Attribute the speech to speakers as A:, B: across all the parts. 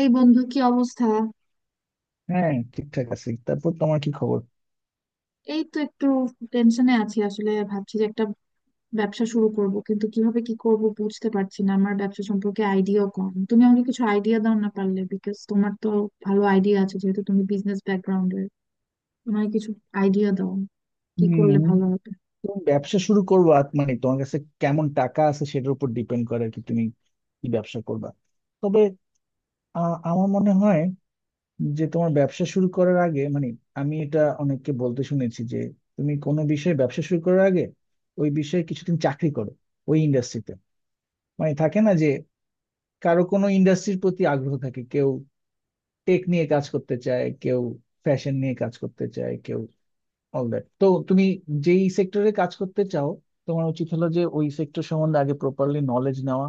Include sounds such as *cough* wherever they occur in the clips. A: এই বন্ধু, কি অবস্থা?
B: হ্যাঁ, ঠিকঠাক আছে। তারপর তোমার কি খবর?
A: এই তো একটু টেনশনে আছি, আসলে ভাবছি যে একটা ব্যবসা শুরু করব, কিন্তু কিভাবে কি করব বুঝতে পারছি না। আমার ব্যবসা সম্পর্কে আইডিয়াও কম। তুমি আমাকে কিছু আইডিয়া দাও না পারলে, বিকজ তোমার তো ভালো আইডিয়া আছে, যেহেতু তুমি বিজনেস ব্যাকগ্রাউন্ডের। তোমার কিছু আইডিয়া দাও, কি
B: হুম।
A: করলে ভালো হবে।
B: তুমি ব্যবসা শুরু করবা? মানে তোমার কাছে কেমন টাকা আছে সেটার উপর ডিপেন্ড করে আর কি। তুমি কি ব্যবসা করবা? তবে আমার মনে হয় যে তোমার ব্যবসা শুরু করার আগে মানে আমি এটা অনেককে বলতে শুনেছি যে তুমি কোনো বিষয়ে ব্যবসা শুরু করার আগে ওই বিষয়ে কিছুদিন চাকরি করো, ওই ইন্ডাস্ট্রিতে। মানে থাকে না যে কারো কোনো ইন্ডাস্ট্রির প্রতি আগ্রহ থাকে, কেউ টেক নিয়ে কাজ করতে চায়, কেউ ফ্যাশন নিয়ে কাজ করতে চায়, কেউ অল দ্যাট। তো তুমি যেই সেক্টরে কাজ করতে চাও, তোমার উচিত হলো যে ওই সেক্টর সম্বন্ধে আগে প্রপারলি নলেজ নেওয়া।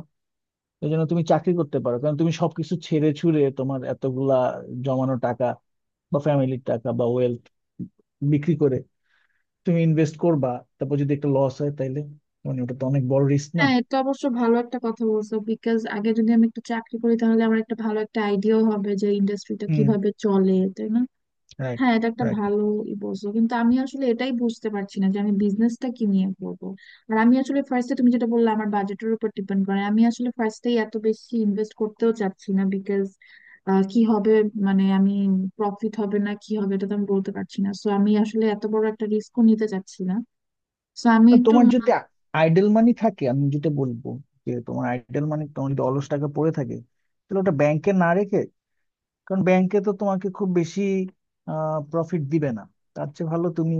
B: এই জন্য তুমি চাকরি করতে পারো, কারণ তুমি সবকিছু ছেড়ে ছুড়ে তোমার এতগুলা জমানো টাকা বা ফ্যামিলির টাকা বা ওয়েলথ বিক্রি করে তুমি ইনভেস্ট করবা, তারপর যদি একটা লস হয় তাহলে মানে ওটা তো অনেক বড় রিস্ক না।
A: হ্যাঁ, এটা অবশ্য ভালো একটা কথা বলছো, বিকজ আগে যদি আমি একটু চাকরি করি তাহলে আমার একটা ভালো একটা আইডিয়াও হবে যে ইন্ডাস্ট্রিটা
B: হুম।
A: কিভাবে চলে, তাই না?
B: রাইট।
A: হ্যাঁ এটা একটা
B: রাইট।
A: ভালো ই বলছো, কিন্তু আমি আসলে এটাই বুঝতে পারছি না যে আমি বিজনেসটা কি নিয়ে করবো। আর আমি আসলে ফার্স্টে তুমি যেটা বললে আমার বাজেটের উপর ডিপেন্ড করে, আমি আসলে ফার্স্টেই এত বেশি ইনভেস্ট করতেও চাচ্ছি না, বিকজ কি হবে, মানে আমি প্রফিট হবে না কি হবে এটা তো আমি বলতে পারছি না। সো আমি আসলে এত বড় একটা রিস্কও নিতে চাচ্ছি না। সো আমি একটু।
B: তোমার যদি আইডল মানি থাকে আমি যেটা বলবো যে তোমার আইডল মানি, তোমার যদি অলস টাকা পড়ে থাকে, তাহলে ওটা ব্যাংকে না রেখে, কারণ ব্যাংকে তো তোমাকে খুব বেশি প্রফিট দিবে না। তার চেয়ে ভালো তুমি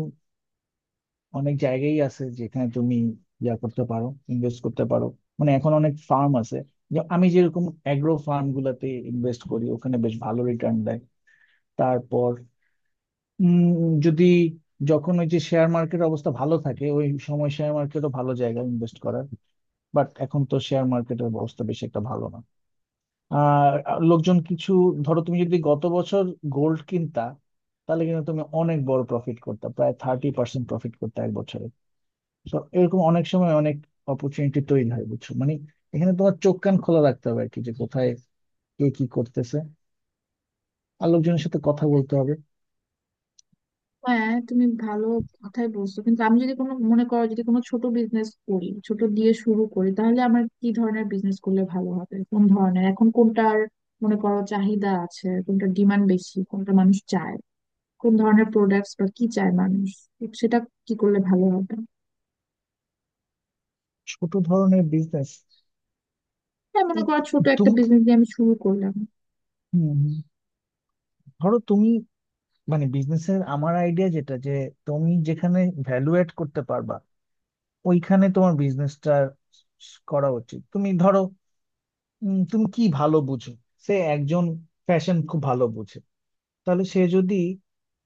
B: অনেক জায়গায় আছে যেখানে তুমি ইয়া করতে পারো, ইনভেস্ট করতে পারো। মানে এখন অনেক ফার্ম আছে, যে আমি যেরকম অ্যাগ্রো ফার্ম গুলাতে ইনভেস্ট করি ওখানে বেশ ভালো রিটার্ন দেয়। তারপর যদি, যখন ওই যে শেয়ার মার্কেটের অবস্থা ভালো থাকে ওই সময় শেয়ার মার্কেটও ভালো জায়গা ইনভেস্ট করার। বাট এখন তো শেয়ার মার্কেটের অবস্থা বেশি একটা ভালো না। আহ লোকজন কিছু, ধরো তুমি যদি গত বছর গোল্ড কিনতা, তাহলে কিন্তু তুমি অনেক বড় প্রফিট করতে, প্রায় 30% প্রফিট করতে এক বছরে। তো এরকম অনেক সময় অনেক অপরচুনিটি তৈরি হয় বুঝছো মানে, এখানে তোমার চোখ কান খোলা রাখতে হবে আর কি, যে কোথায় কে কি করতেছে, আর লোকজনের সাথে কথা বলতে হবে।
A: হ্যাঁ, তুমি ভালো কথাই বলছো, কিন্তু আমি যদি কোনো, মনে করো, যদি কোনো ছোট বিজনেস করি, ছোট দিয়ে শুরু করি, তাহলে আমার কি ধরনের বিজনেস করলে ভালো হবে? কোন ধরনের এখন কোনটার, মনে করো, চাহিদা আছে, কোনটা ডিমান্ড বেশি, কোনটা মানুষ চায়, কোন ধরনের প্রোডাক্টস বা কি চায় মানুষ? তো সেটা কি করলে ভালো হবে?
B: ছোট ধরনের বিজনেস।
A: হ্যাঁ, মনে করো ছোট একটা
B: তুমি
A: বিজনেস দিয়ে আমি শুরু করলাম।
B: ধরো তুমি, মানে বিজনেসের আমার আইডিয়া যেটা, যে তুমি যেখানে ভ্যালু এড করতে পারবা ওইখানে তোমার বিজনেসটা করা উচিত। তুমি ধরো, তুমি কি ভালো বুঝো, সে একজন ফ্যাশন খুব ভালো বুঝে, তাহলে সে যদি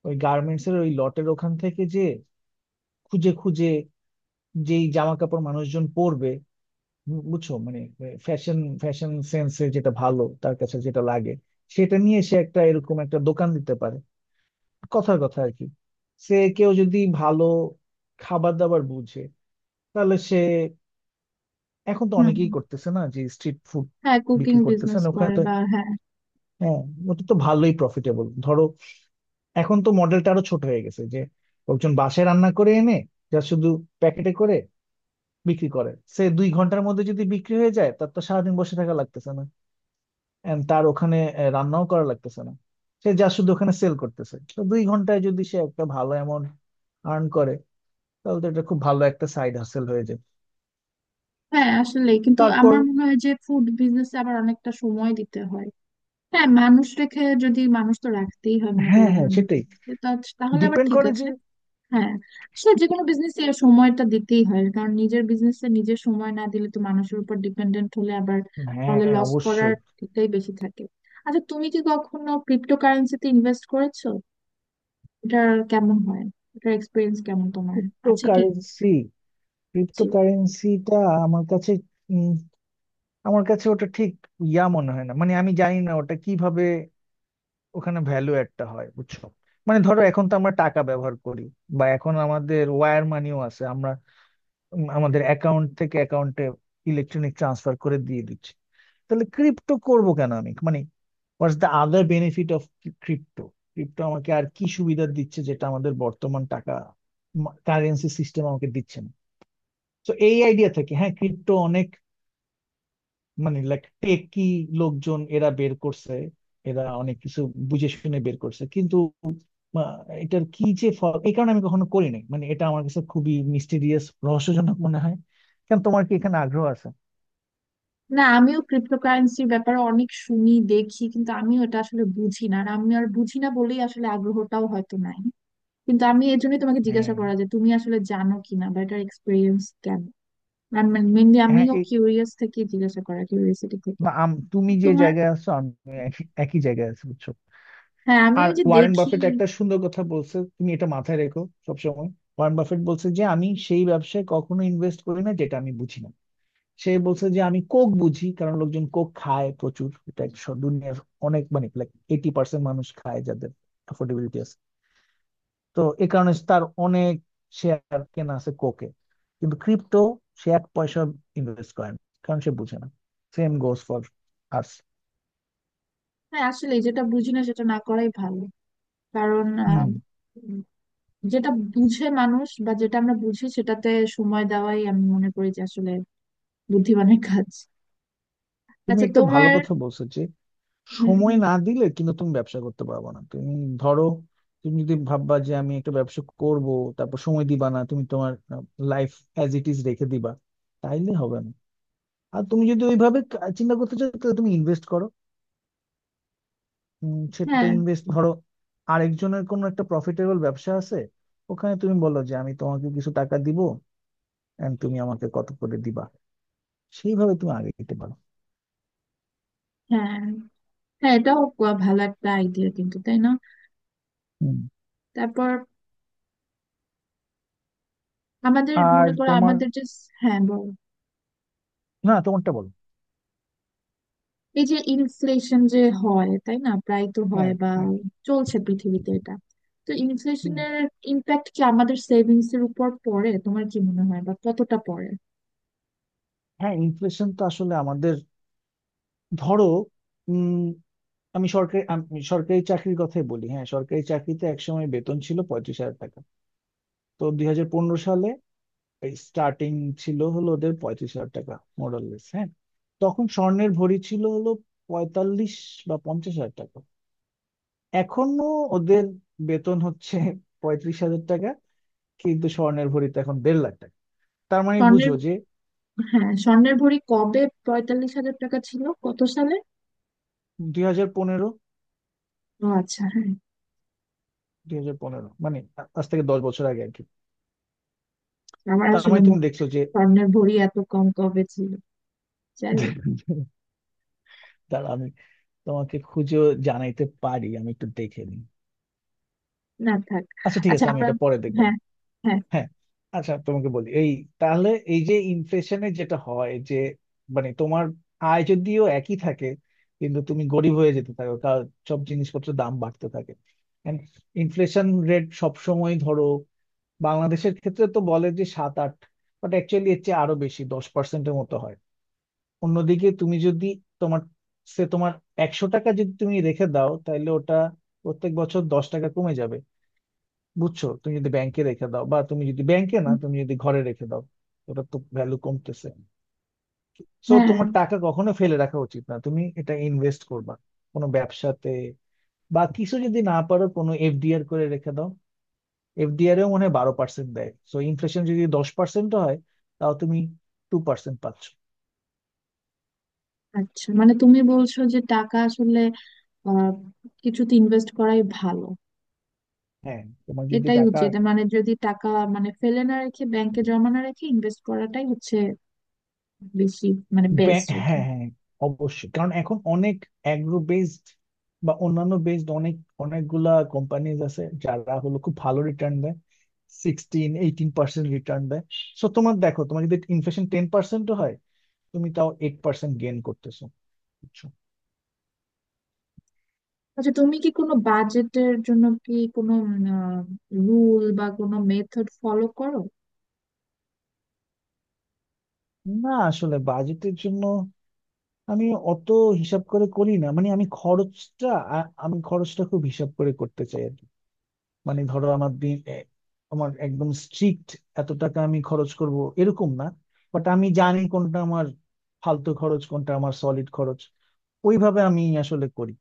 B: ওই গার্মেন্টস এর ওই লটের ওখান থেকে যে খুঁজে খুঁজে যেই জামা কাপড় মানুষজন পরবে, বুঝছো মানে, ফ্যাশন, ফ্যাশন সেন্সে যেটা ভালো তার কাছে যেটা লাগে সেটা নিয়ে সে একটা এরকম একটা দোকান দিতে পারে। কথার কথা আর কি। সে কেউ যদি ভালো খাবার দাবার বুঝে, তাহলে সে, এখন তো
A: হুম।
B: অনেকেই করতেছে না, যে স্ট্রিট ফুড
A: হ্যাঁ কুকিং
B: বিক্রি করতেছেন
A: বিজনেস
B: ওখানে
A: করে,
B: তো।
A: বা হ্যাঁ।
B: হ্যাঁ। ওটা তো ভালোই প্রফিটেবল। ধরো এখন তো মডেলটা আরো ছোট হয়ে গেছে, যে লোকজন বাসায় রান্না করে এনে যা শুধু প্যাকেটে করে বিক্রি করে, সে 2 ঘন্টার মধ্যে যদি বিক্রি হয়ে যায়, তার তো সারাদিন বসে থাকা লাগতেছে না। And তার ওখানে রান্নাও করা লাগতেছে না। সে যা শুধু ওখানে সেল করতেছে। তো 2 ঘন্টায় যদি সে একটা ভালো অ্যামাউন্ট আর্ন করে তাহলে তো এটা খুব ভালো একটা সাইড হাসেল হয়ে যায়।
A: হ্যাঁ, আসলে কিন্তু
B: তারপর,
A: আমার মনে হয় যে ফুড বিজনেস আবার অনেকটা সময় দিতে হয়। হ্যাঁ মানুষ রেখে, যদি মানুষ তো রাখতেই হয় মনে করি
B: হ্যাঁ,
A: এই
B: হ্যাঁ,
A: ধরনের
B: সেটাই।
A: বিজনেসে। তাহলে আবার
B: ডিপেন্ড
A: ঠিক
B: করে যে।
A: আছে। হ্যাঁ, সে যে কোনো বিজনেসে সময়টা দিতেই হয়, কারণ নিজের বিজনেসে নিজের সময় না দিলে তো মানুষের উপর ডিপেন্ডেন্ট হলে আবার তাহলে
B: হ্যাঁ,
A: লস করার
B: অবশ্যই।
A: দিকটাই বেশি থাকে। আচ্ছা, তুমি কি কখনো ক্রিপ্টো কারেন্সিতে ইনভেস্ট করেছো? এটা কেমন হয়? এটার এক্সপিরিয়েন্স কেমন তোমার আছে কি?
B: ক্রিপ্টোকারেন্সি।
A: জি।
B: ক্রিপ্টোকারেন্সিটা আমার কাছে, উম, আমার কাছে ওটা ঠিক ইয়া মনে হয় না। মানে আমি জানি না ওটা কিভাবে ওখানে ভ্যালু একটা হয় বুঝছো। মানে ধরো এখন তো আমরা টাকা ব্যবহার করি, বা এখন আমাদের ওয়্যার মানিও আছে, আমরা আমাদের অ্যাকাউন্ট থেকে অ্যাকাউন্টে ইলেকট্রনিক ট্রান্সফার করে দিয়ে দিচ্ছি। তাহলে ক্রিপ্টো করব কেন আমি, মানে what's the other benefit of crypto? Crypto আমাকে আর কি সুবিধা দিচ্ছে যেটা আমাদের বর্তমান টাকা কারেন্সি সিস্টেম আমাকে দিচ্ছে না? তো এই আইডিয়া থেকে, হ্যাঁ ক্রিপ্টো অনেক, মানে লাইক টেকি লোকজন এরা বের করছে, এরা অনেক কিছু বুঝে শুনে বের করছে, কিন্তু আহ, এটার কি যে ফল, এই কারণে আমি কখনো করি নাই। মানে এটা আমার কাছে খুবই মিস্টিরিয়াস, রহস্যজনক মনে হয়। কেন, তোমার কি এখানে আগ্রহ আছে?
A: না, আমিও ক্রিপ্টোকারেন্সির ব্যাপারে অনেক শুনি দেখি, কিন্তু আমিও এটা আসলে বুঝি না, আর আমি আর বুঝি না বলেই আসলে আগ্রহটাও হয়তো নাই। কিন্তু আমি এর জন্যই তোমাকে জিজ্ঞাসা
B: হ্যাঁ,
A: করা যে তুমি আসলে জানো কিনা বা এটার এক্সপিরিয়েন্স কেন। মেনলি
B: হ্যাঁ,
A: আমিও
B: এই,
A: কিউরিয়াস থেকে জিজ্ঞাসা করা, কিউরিয়াসিটি থেকে।
B: বা তুমি যে
A: তোমার।
B: জায়গায় আছো আমি একই একই জায়গায় আছি বুঝছো।
A: হ্যাঁ, আমি
B: আর
A: ওই যে
B: ওয়ারেন
A: দেখি।
B: বাফেট একটা সুন্দর কথা বলছে, তুমি এটা মাথায় রেখো সবসময়। ওয়ারেন বাফেট বলছে যে আমি সেই ব্যবসায় কখনো ইনভেস্ট করি না যেটা আমি বুঝি না। সে বলছে যে আমি কোক বুঝি, কারণ লোকজন কোক খায় প্রচুর, এটা এক দুনিয়ার অনেক, মানে লাইক 80% মানুষ খায় যাদের অ্যাফোর্ডেবিলিটি আছে। তো এ কারণে তার অনেক শেয়ার কেনা আছে কোকে। কিন্তু ক্রিপ্টো সে এক পয়সা ইনভেস্ট করে না, কারণ সে বুঝে না। Same goes for us.
A: হ্যাঁ, আসলে যেটা বুঝি না সেটা না করাই ভালো, কারণ
B: হুম।
A: উম, যেটা বুঝে মানুষ বা যেটা আমরা বুঝি সেটাতে সময় দেওয়াই আমি মনে করি যে আসলে বুদ্ধিমানের কাজ।
B: তুমি
A: আচ্ছা
B: একটা ভালো
A: তোমার।
B: কথা বলছো যে
A: হুম,
B: সময়
A: হুম।
B: না দিলে কিন্তু তুমি ব্যবসা করতে পারবে না। তুমি ধরো তুমি যদি ভাববা যে আমি একটা ব্যবসা করব তারপর সময় দিবা না, তুমি তোমার লাইফ অ্যাজ ইট ইজ রেখে দিবা, তাইলে হবে না। আর তুমি যদি ওইভাবে চিন্তা করতে চাও তাহলে তুমি ইনভেস্ট করো। সেটা
A: হ্যাঁ,
B: ইনভেস্ট, ধরো আরেকজনের কোনো একটা প্রফিটেবল ব্যবসা আছে, ওখানে তুমি বলো যে আমি তোমাকে কিছু টাকা দিব, এন্ড তুমি আমাকে কত করে দিবা। সেইভাবে তুমি আগে দিতে পারো।
A: হ্যাঁ, হ্যাঁ, এটাও ভালো একটা আইডিয়া কিন্তু, তাই না?
B: হুম।
A: তারপর আমাদের,
B: আর
A: মনে করো,
B: তোমার,
A: আমাদের যে। হ্যাঁ বলো।
B: না তোমারটা বলো।
A: এই যে ইনফ্লেশন যে হয় তাই না, প্রায় তো হয়
B: হ্যাঁ,
A: বা
B: হ্যাঁ।
A: চলছে পৃথিবীতে এটা, তো
B: হুম।
A: ইনফ্লেশনের ইম্প্যাক্ট কি আমাদের সেভিংস এর উপর পড়ে তোমার কি মনে হয়, বা কতটা পড়ে?
B: হ্যাঁ, ইনফ্লেশন তো আসলে আমাদের, ধরো উম আমি সরকারি, আমি সরকারি চাকরির কথাই বলি, হ্যাঁ সরকারি চাকরিতে একসময় বেতন ছিল 35,000 টাকা। তো 2015 সালে স্টার্টিং ছিল হলো ওদের 35,000 টাকা। মোরাললেস হ্যাঁ। তখন স্বর্ণের ভরি ছিল হলো 45,000 বা 50,000 টাকা। এখনো ওদের বেতন হচ্ছে 35,000 টাকা, কিন্তু স্বর্ণের ভরিতে এখন 1,50,000 টাকা। তার মানে
A: স্বর্ণের,
B: বুঝো যে,
A: হ্যাঁ স্বর্ণের ভরি কবে 45,000 টাকা ছিল, কত সালে?
B: 2015,
A: ও আচ্ছা, হ্যাঁ।
B: দুই হাজার পনেরো মানে আজ থেকে 10 বছর আগে আর কি।
A: আমার
B: তার
A: আসলে
B: মানে তুমি
A: মনে
B: দেখছো
A: নেই
B: যে
A: স্বর্ণের ভরি এত কম কবে ছিল। যাই হোক।
B: *laughs* দাঁড়া, তোমাকে খুঁজেও জানাইতে পারি, আমি একটু দেখে নিই।
A: না থাক।
B: আচ্ছা ঠিক
A: আচ্ছা,
B: আছে, আমি
A: আমরা।
B: এটা পরে দেখবো
A: হ্যাঁ,
B: না।
A: হ্যাঁ,
B: হ্যাঁ। আচ্ছা তোমাকে বলি এই, তাহলে এই যে ইনফ্লেশনে যেটা হয় যে মানে তোমার আয় যদিও একই থাকে, কিন্তু তুমি গরিব হয়ে যেতে থাকো, কারণ সব জিনিসপত্রের দাম বাড়তে থাকে। ইনফ্লেশন রেট সবসময় ধরো বাংলাদেশের ক্ষেত্রে তো বলে যে 7-8, বাট অ্যাকচুয়ালি এর চেয়ে আরো বেশি 10%-এর মতো হয়। অন্যদিকে তুমি যদি তোমার, সে তোমার 100 টাকা যদি তুমি রেখে দাও তাহলে ওটা প্রত্যেক বছর 10 টাকা কমে যাবে বুঝছো। তুমি যদি ব্যাংকে রেখে দাও, বা তুমি যদি ব্যাংকে না, তুমি যদি ঘরে রেখে দাও, ওটা তো ভ্যালু কমতেছে। সো
A: হ্যাঁ।
B: তোমার টাকা কখনো ফেলে রাখা উচিত না, তুমি এটা ইনভেস্ট করবা কোনো ব্যবসাতে, বা কিছু যদি না পারো কোনো এফডিআর করে রেখে দাও। এফডিআর এও মনে হয় 12% দেয়, সো ইনফ্লেশন যদি 10% হয় তাও তুমি 2% পাচ্ছ।
A: আচ্ছা, মানে তুমি বলছো যে টাকা আসলে আহ কিছুতে ইনভেস্ট করাই ভালো,
B: হ্যাঁ তোমার যদি
A: এটাই
B: টাকা,
A: উচিত, মানে যদি টাকা, মানে ফেলে না রেখে ব্যাংকে জমা না রেখে ইনভেস্ট করাটাই হচ্ছে বেশি, মানে বেস্ট আর কি।
B: হ্যাঁ, হ্যাঁ, অবশ্যই, কারণ এখন অনেক অ্যাগ্রো বেসড বা অন্যান্য বেসড অনেক, অনেকগুলা কোম্পানিজ আছে যারা হলো খুব ভালো রিটার্ন দেয়। 16-18% রিটার্ন দেয়। সো তোমার দেখো তোমার যদি ইনফ্লেশন 10%-ও হয়, তুমি তাও 8% গেইন করতেছো বুঝছো?
A: আচ্ছা, তুমি কি কোনো বাজেটের জন্য কি কোনো রুল বা কোনো মেথড ফলো করো?
B: না আসলে বাজেটের জন্য আমি অত হিসাব করে করি না। মানে আমি খরচটা, আ- আমি খরচটা খুব হিসাব করে করতে চাই। মানে ধরো আমার দিন এ, আমার একদম স্ট্রিক্ট এত টাকা আমি খরচ করব এরকম না। বাট আমি জানি কোনটা আমার ফালতু খরচ কোনটা আমার সলিড খরচ, ওইভাবে আমি আসলে করি।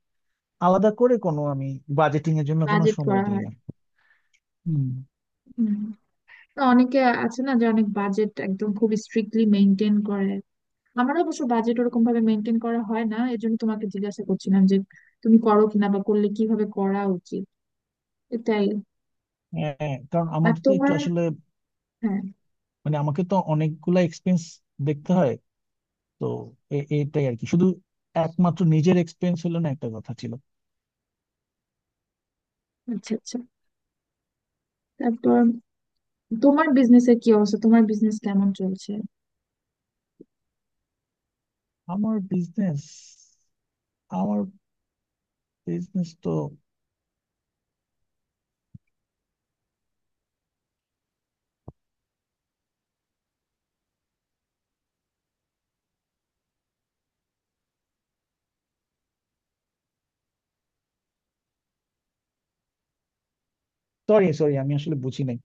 B: আলাদা করে কোনো আমি বাজেটিং এর জন্য কোনো
A: বাজেট
B: সময়
A: করা
B: দিই
A: হয়?
B: না। হুম।
A: হুম। তো অনেকে আছে না যে অনেক বাজেট একদম খুব স্ট্রিক্টলি মেনটেন করে। আমার অবশ্য বাজেট ওরকম ভাবে মেনটেন করা হয় না, এই জন্য তোমাকে জিজ্ঞাসা করছিলাম যে তুমি করো কিনা, বা করলে কিভাবে করা উচিত, এটাই।
B: হ্যাঁ, কারণ
A: আর
B: আমার তো একটু
A: তোমার,
B: আসলে,
A: হ্যাঁ।
B: মানে আমাকে তো অনেকগুলা এক্সপেন্স দেখতে হয়। তো এটাই আর কি, শুধু একমাত্র নিজের এক্সপেন্স হলো না, একটা কথা ছিল।
A: আচ্ছা, আচ্ছা। তারপর তোমার বিজনেসের কি অবস্থা, তোমার বিজনেস কেমন চলছে?
B: আমার বিজনেস, আমার বিজনেস তো, সরি সরি আমি আসলে বুঝি নাই